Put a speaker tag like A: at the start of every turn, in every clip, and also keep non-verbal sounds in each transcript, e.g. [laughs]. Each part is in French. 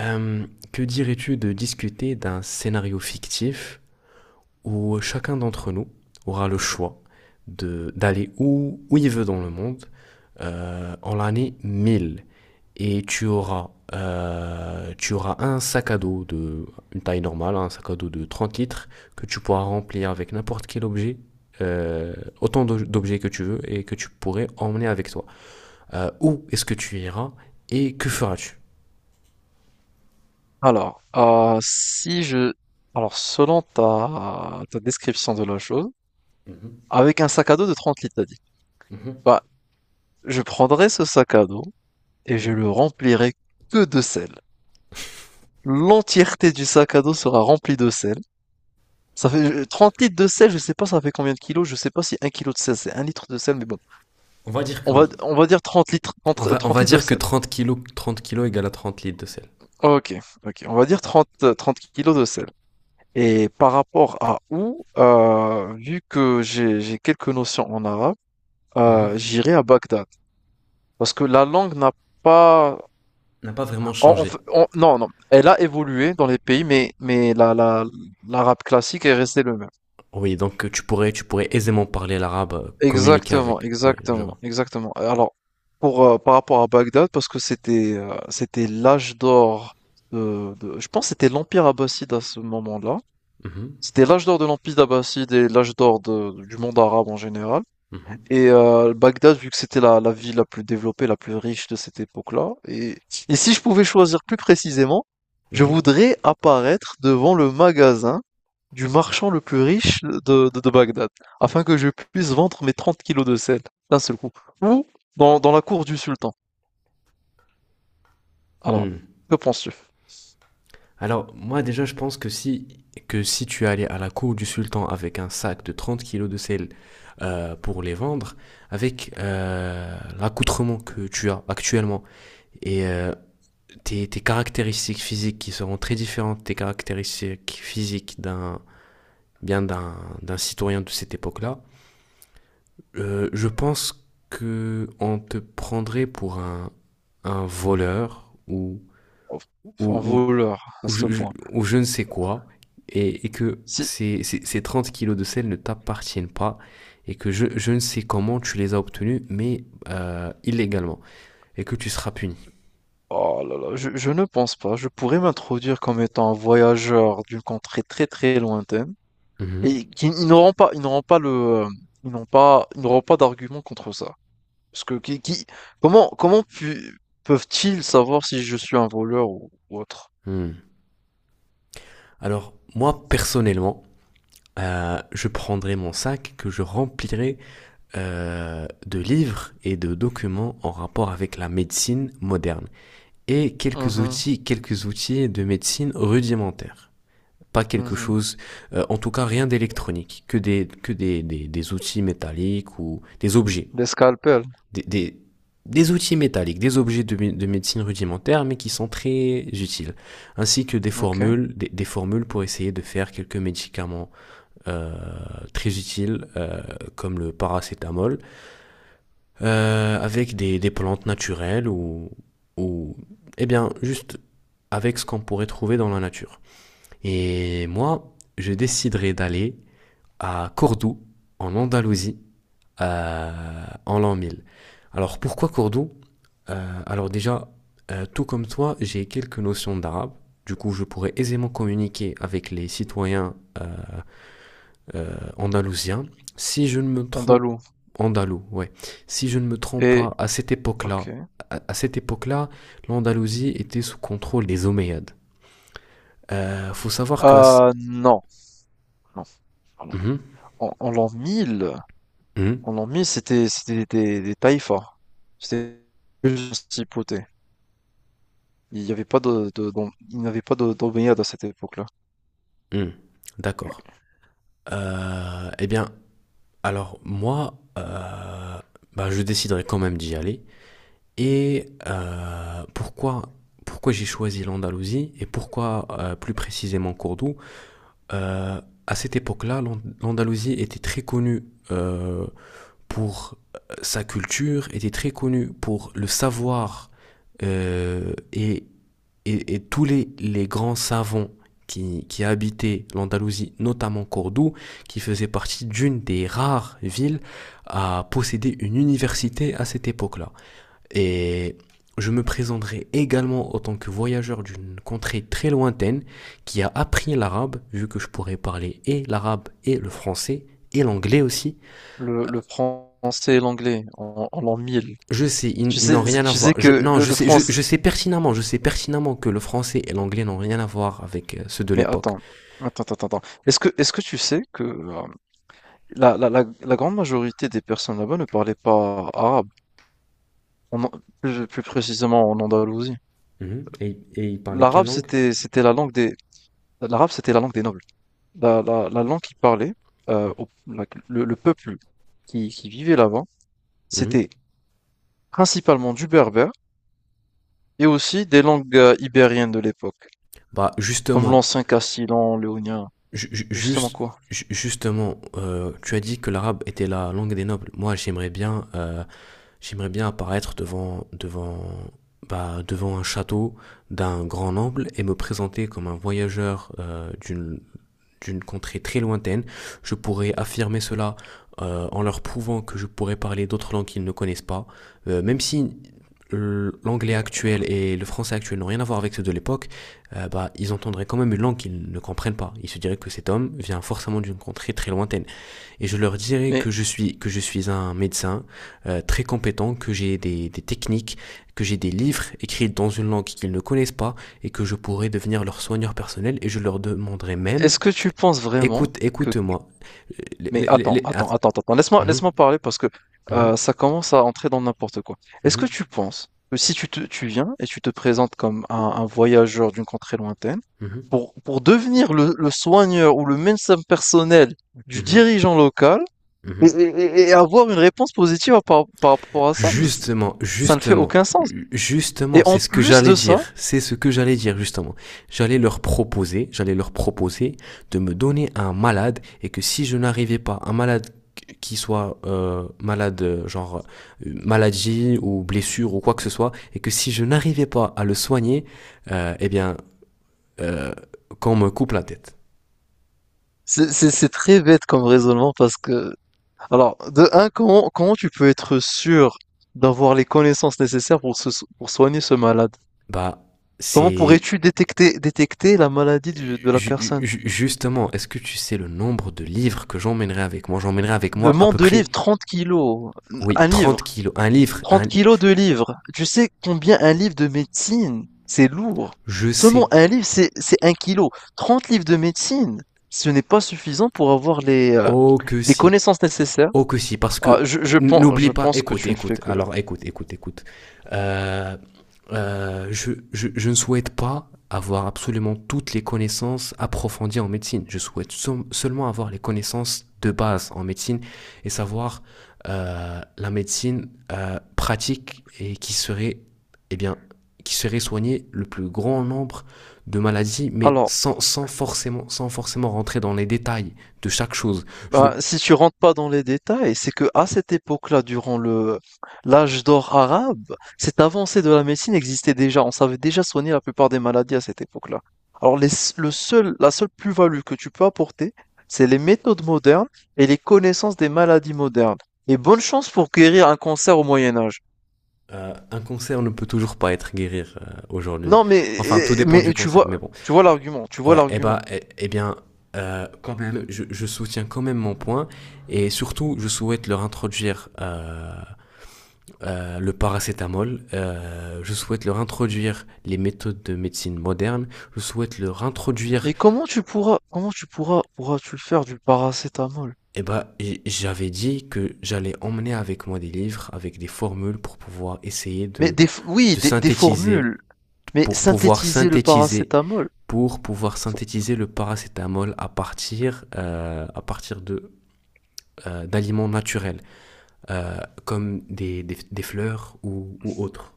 A: Euh, que dirais-tu de discuter d'un scénario fictif où chacun d'entre nous aura le choix de d'aller où il veut dans le monde en l'année 1000 et tu auras un sac à dos de une taille normale, un sac à dos de 30 litres que tu pourras remplir avec n'importe quel objet, euh, autant d'objets que tu veux et que tu pourrais emmener avec toi. Où est-ce que tu iras et que feras-tu?
B: Alors, si je... Alors, selon ta description de la chose,
A: Mhm,
B: avec un sac à dos de 30 litres, t'as dit.
A: mhm,
B: Bah, je prendrai ce sac à dos et je
A: mhm.
B: le remplirai que de sel. L'entièreté du sac à dos sera remplie de sel. Ça fait 30 litres de sel, je sais pas ça fait combien de kilos, je sais pas si un kilo de sel c'est un litre de sel, mais bon.
A: On va dire que
B: On va,
A: oui.
B: on va dire 30 litres,
A: On
B: 30,
A: va, on
B: 30
A: va
B: litres de
A: dire que
B: sel.
A: 30 kilos, 30 kilos égale à 30 litres de sel.
B: Ok, ok, on va dire 30 30 kilos de sel. Et par rapport à où, vu que j'ai quelques notions en arabe,
A: Mhm.
B: j'irai à Bagdad. Parce que la langue n'a pas.
A: N'a pas vraiment changé.
B: Non, non, elle a évolué dans les pays, mais l'arabe classique est resté le même.
A: Oui, donc tu pourrais aisément parler l'arabe, communiquer
B: Exactement,
A: avec. Oui, je
B: exactement,
A: vois.
B: exactement. Alors, par rapport à Bagdad, parce que c'était l'âge d'or je pense que c'était l'Empire abbasside à ce moment-là.
A: Mhm,
B: C'était l'âge d'or de l'Empire abbasside et l'âge d'or du monde arabe en général.
A: mhm,
B: Et Bagdad, vu que c'était la ville la plus développée, la plus riche de cette époque-là, et si je pouvais choisir plus précisément, je
A: mhm.
B: voudrais apparaître devant le magasin du marchand le plus riche de Bagdad, afin que je puisse vendre mes 30 kilos de sel d'un seul coup, ou dans la cour du sultan. Alors,
A: Hmm.
B: que penses-tu?
A: Alors, moi déjà, je pense que si tu allais à la cour du sultan avec un sac de 30 kilos de sel pour les vendre, avec l'accoutrement que tu as actuellement et tes caractéristiques physiques qui seront très différentes des caractéristiques physiques d'un bien d'un d'un citoyen de cette époque-là, je pense que on te prendrait pour un voleur
B: En
A: ou,
B: en
A: ou,
B: voleur, à
A: ou
B: ce
A: je,
B: point.
A: ou je ne sais quoi, et que
B: Si,
A: ces 30 kilos de sel ne t'appartiennent pas, et que je ne sais comment tu les as obtenus, mais illégalement, et que tu seras puni.
B: oh là là, je ne pense pas. Je pourrais m'introduire comme étant un voyageur d'une contrée très très lointaine.
A: Mhm.
B: Et ils n'auront pas d'argument contre ça. Parce que comment, comment pu- peuvent-ils savoir si je suis un voleur ou autre?
A: Hmm. Alors, moi, personnellement, je prendrai mon sac que je remplirai de livres et de documents en rapport avec la médecine moderne et quelques
B: Mhm,
A: outils, quelques outils de médecine rudimentaires. Pas quelque
B: mhm.
A: chose, en tout cas rien d'électronique, que des outils métalliques ou des objets,
B: Des scalpels,
A: des, des, des outils métalliques, des objets de médecine rudimentaire, mais qui sont très utiles, ainsi que des
B: ok.
A: formules, des formules pour essayer de faire quelques médicaments euh, très utiles comme le paracétamol avec des plantes naturelles ou eh bien juste avec ce qu'on pourrait trouver dans la nature. Et moi, je déciderai d'aller à Cordoue en Andalousie en l'an 1000. Alors pourquoi Cordoue? Alors déjà, tout comme toi, j'ai quelques notions d'arabe. Du coup, je pourrais aisément communiquer avec les citoyens euh, andalousien. Si je ne me trompe,
B: Andalou.
A: andalou, ouais. Si je ne me trompe
B: Et,
A: pas, à cette époque-là,
B: ok.
A: à cette époque-là, l'Andalousie était sous contrôle des Omeyyades. Faut savoir que.
B: Non, non. Pardon.
A: Mhm,
B: En l'an 1000,
A: mhm,
B: c'était des taïfas. C'était juste des principautés. Il n'y avait pas d'omeyyades à cette époque-là.
A: mhm.
B: Lui.
A: D'accord. Eh bien, alors moi, bah, je déciderai quand même d'y aller. Et pourquoi j'ai choisi l'Andalousie et pourquoi plus précisément Cordoue? euh, à cette époque-là, l'Andalousie était très connue euh, pour sa culture, était très connue pour le savoir euh, et, et tous les grands savants qui habitaient l'Andalousie, notamment Cordoue, qui faisait partie d'une des rares villes à posséder une université à cette époque-là. Et je me présenterai également en tant que voyageur d'une contrée très lointaine qui a appris l'arabe, vu que je pourrais parler et l'arabe et le français et l'anglais aussi.
B: Le français et l'anglais en l'an mille.
A: Je sais,
B: Tu
A: ils n'ont
B: sais,
A: rien à
B: tu sais
A: voir. Je,
B: que
A: non,
B: le,
A: je
B: le
A: sais,
B: français.
A: je sais pertinemment que le français et l'anglais n'ont rien à voir avec ceux de
B: Mais
A: l'époque.
B: attends, attends, attends, attends. Est-ce que tu sais que la grande majorité des personnes là-bas ne parlaient pas arabe, En An- plus précisément en Andalousie.
A: Mhm. Et ils parlaient quelle
B: L'arabe,
A: langue?
B: c'était l'arabe, c'était la langue des nobles. La langue qu'ils parlaient, le peuple qui vivait là-bas,
A: Mhm.
B: c'était principalement du berbère et aussi des langues ibériennes de l'époque,
A: Bah
B: comme
A: justement,
B: l'ancien castillan, léonien,
A: ju- ju-
B: justement
A: juste,
B: quoi.
A: ju- justement, tu as dit que l'arabe était la langue des nobles. Moi, j'aimerais bien apparaître devant un château d'un grand noble et me présenter comme un voyageur d'une contrée très lointaine. Je pourrais affirmer cela en leur prouvant que je pourrais parler d'autres langues qu'ils ne connaissent pas. Même si l'anglais
B: Bon.
A: actuel et le français actuel n'ont rien à voir avec ceux de l'époque, bah, ils entendraient quand même une langue qu'ils ne comprennent pas. Ils se diraient que cet homme vient forcément d'une contrée très lointaine et je leur dirai
B: Mais
A: que je suis un médecin très compétent, que j'ai des techniques, que j'ai des livres écrits dans une langue qu'ils ne connaissent pas et que je pourrais devenir leur soigneur personnel et je leur demanderai même.
B: est-ce que tu penses vraiment
A: écoute
B: que.
A: écoute-moi Les-
B: Mais
A: les- les-
B: attends,
A: les-
B: attends,
A: att-
B: attends, attends. Laisse-moi,
A: Mhm,
B: laisse-moi parler parce que
A: mhm,
B: ça commence à entrer dans n'importe quoi. Est-ce que
A: mhm,
B: tu penses que si tu viens et tu te présentes comme un voyageur d'une contrée lointaine,
A: mhm,
B: pour devenir le soigneur ou le médecin personnel du
A: mhm,
B: dirigeant local et
A: mhm.
B: avoir une réponse positive par rapport à ça,
A: Justement,
B: ça ne fait
A: justement,
B: aucun sens.
A: justement,
B: Et
A: c'est
B: en
A: ce que
B: plus
A: j'allais
B: de ça,
A: dire. C'est ce que j'allais dire, justement. J'allais leur proposer de me donner un malade et que si je n'arrivais pas, un malade qui soit malade, genre maladie ou blessure ou quoi que ce soit, et que si je n'arrivais pas à le soigner, eh bien, euh, qu'on me coupe la tête.
B: c'est très bête comme raisonnement parce que. Alors, de un, comment tu peux être sûr d'avoir les connaissances nécessaires pour soigner ce malade?
A: Bah,
B: Comment
A: c'est
B: pourrais-tu détecter la maladie de la personne?
A: Justement, est-ce que tu sais le nombre de livres que j'emmènerai avec moi? J'emmènerai avec moi à
B: Demande
A: peu
B: de
A: près,
B: livres, 30 kilos,
A: oui,
B: un
A: 30
B: livre,
A: kilos. Un livre,
B: 30
A: un...
B: kilos de livres. Tu sais combien un livre de médecine, c'est lourd.
A: Je
B: Seulement
A: sais.
B: un livre, c'est un kilo. 30 livres de médecine, ce n'est pas suffisant pour avoir
A: Oh que
B: les
A: si.
B: connaissances nécessaires.
A: Oh que si, parce
B: Ah,
A: que
B: je, je pense,
A: n'oublie
B: je
A: pas,
B: pense que
A: écoute,
B: tu ne fais que...
A: écoute. Euh, je ne souhaite pas avoir absolument toutes les connaissances approfondies en médecine. Je souhaite seulement avoir les connaissances de base en médecine et savoir la médecine pratique et qui serait, eh bien, qui serait soigner le plus grand nombre de maladies, mais
B: Alors.
A: sans forcément rentrer dans les détails de chaque chose.
B: Ben, si tu rentres pas dans les détails, c'est que à cette époque-là, durant le l'âge d'or arabe, cette avancée de la médecine existait déjà. On savait déjà soigner la plupart des maladies à cette époque-là. Alors les s- le seul, la seule plus-value que tu peux apporter, c'est les méthodes modernes et les connaissances des maladies modernes. Et bonne chance pour guérir un cancer au Moyen Âge.
A: Un cancer ne peut toujours pas être guéri aujourd'hui.
B: Non, mais
A: Enfin, tout dépend
B: mais
A: du cancer, mais bon.
B: tu vois l'argument, tu vois
A: Ouais, eh
B: l'argument.
A: bah, eh, eh bien, quand même, je soutiens quand même mon point et surtout, je souhaite leur introduire le paracétamol. Je souhaite leur introduire les méthodes de médecine moderne. Je souhaite leur introduire.
B: Mais pourras-tu le faire du paracétamol?
A: Eh bah, j'avais dit que j'allais emmener avec moi des livres, avec des formules pour pouvoir essayer
B: Mais
A: de,
B: oui,
A: de
B: des
A: synthétiser,
B: formules. Mais
A: pour pouvoir
B: synthétiser le
A: synthétiser
B: paracétamol,
A: pour pouvoir synthétiser le paracétamol à partir de, d'aliments naturels, euh, comme des fleurs ou autres.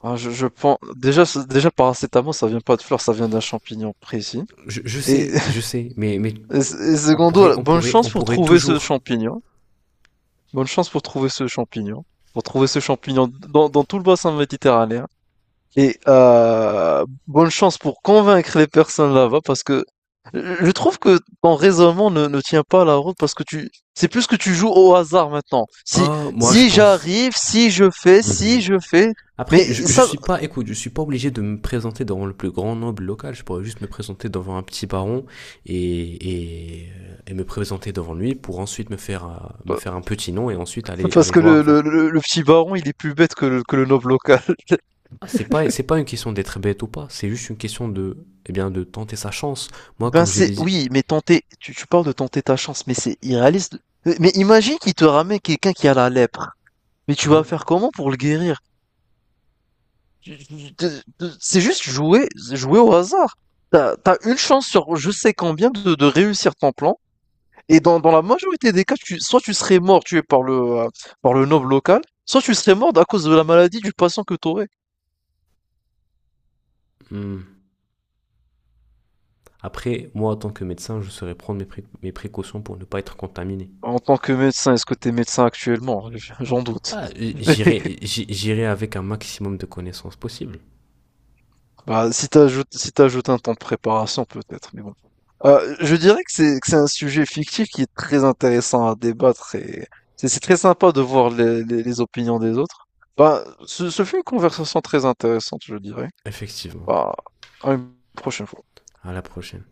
B: ah, je pense déjà paracétamol ça vient pas de fleurs, ça vient d'un champignon précis.
A: Je, je
B: Et,
A: sais, je
B: [laughs]
A: sais, mais, mais
B: et
A: on, pourrait,
B: secondo,
A: on,
B: bonne
A: pourrait,
B: chance
A: on
B: pour
A: pourrait
B: trouver ce
A: toujours.
B: champignon. Bonne chance pour trouver ce champignon. Pour trouver ce champignon dans tout le bassin méditerranéen. Et bonne chance pour convaincre les personnes là-bas parce que je trouve que ton raisonnement ne tient pas la route parce que c'est plus que tu joues au hasard maintenant. Si,
A: Ah, oh, moi je
B: si
A: pense.
B: j'arrive, si
A: Mhm.
B: je fais, mais
A: Après, je
B: ça.
A: suis pas, écoute, je suis pas obligé de me présenter devant le plus grand noble local. Je pourrais juste me présenter devant un petit baron et, et, et me présenter devant lui pour ensuite me faire, euh, me
B: euh,
A: faire un petit nom et ensuite aller,
B: Parce
A: aller
B: que
A: voir
B: le, le,
A: vers
B: le, le petit baron, il est plus bête que le noble local. [laughs]
A: C'est pas une question d'être bête ou pas, c'est juste une question de, eh bien, de tenter sa chance. Moi,
B: Ben
A: comme je l'ai
B: c'est,
A: dit.
B: oui, mais tenter, tu parles de tenter ta chance, mais c'est irréaliste. Mais imagine qu'il te ramène quelqu'un qui a la lèpre. Mais tu vas
A: Hein.
B: faire comment pour le guérir? Tu- tu- tu- C'est juste jouer au hasard. T'as une chance sur je sais combien de réussir ton plan. Et dans la majorité des cas, soit tu serais mort tué par par le noble local, soit tu serais mort à cause de la maladie du patient que t'aurais.
A: Hmm. Après, moi, en tant que médecin, je saurais prendre mes précautions pour ne pas être contaminé.
B: En tant que médecin, est-ce que t'es médecin actuellement? J'en doute.
A: Ah, J'irai
B: [laughs]
A: j'irai avec un maximum de connaissances possibles.
B: Bah, si t'ajoutes un temps de préparation, peut-être, mais bon. Je dirais que c'est un sujet fictif qui est très intéressant à débattre et c'est très sympa de voir les opinions des autres. Bah, ce fut une conversation très intéressante, je dirais.
A: Effectivement.
B: Bah, à une prochaine fois.
A: À la prochaine.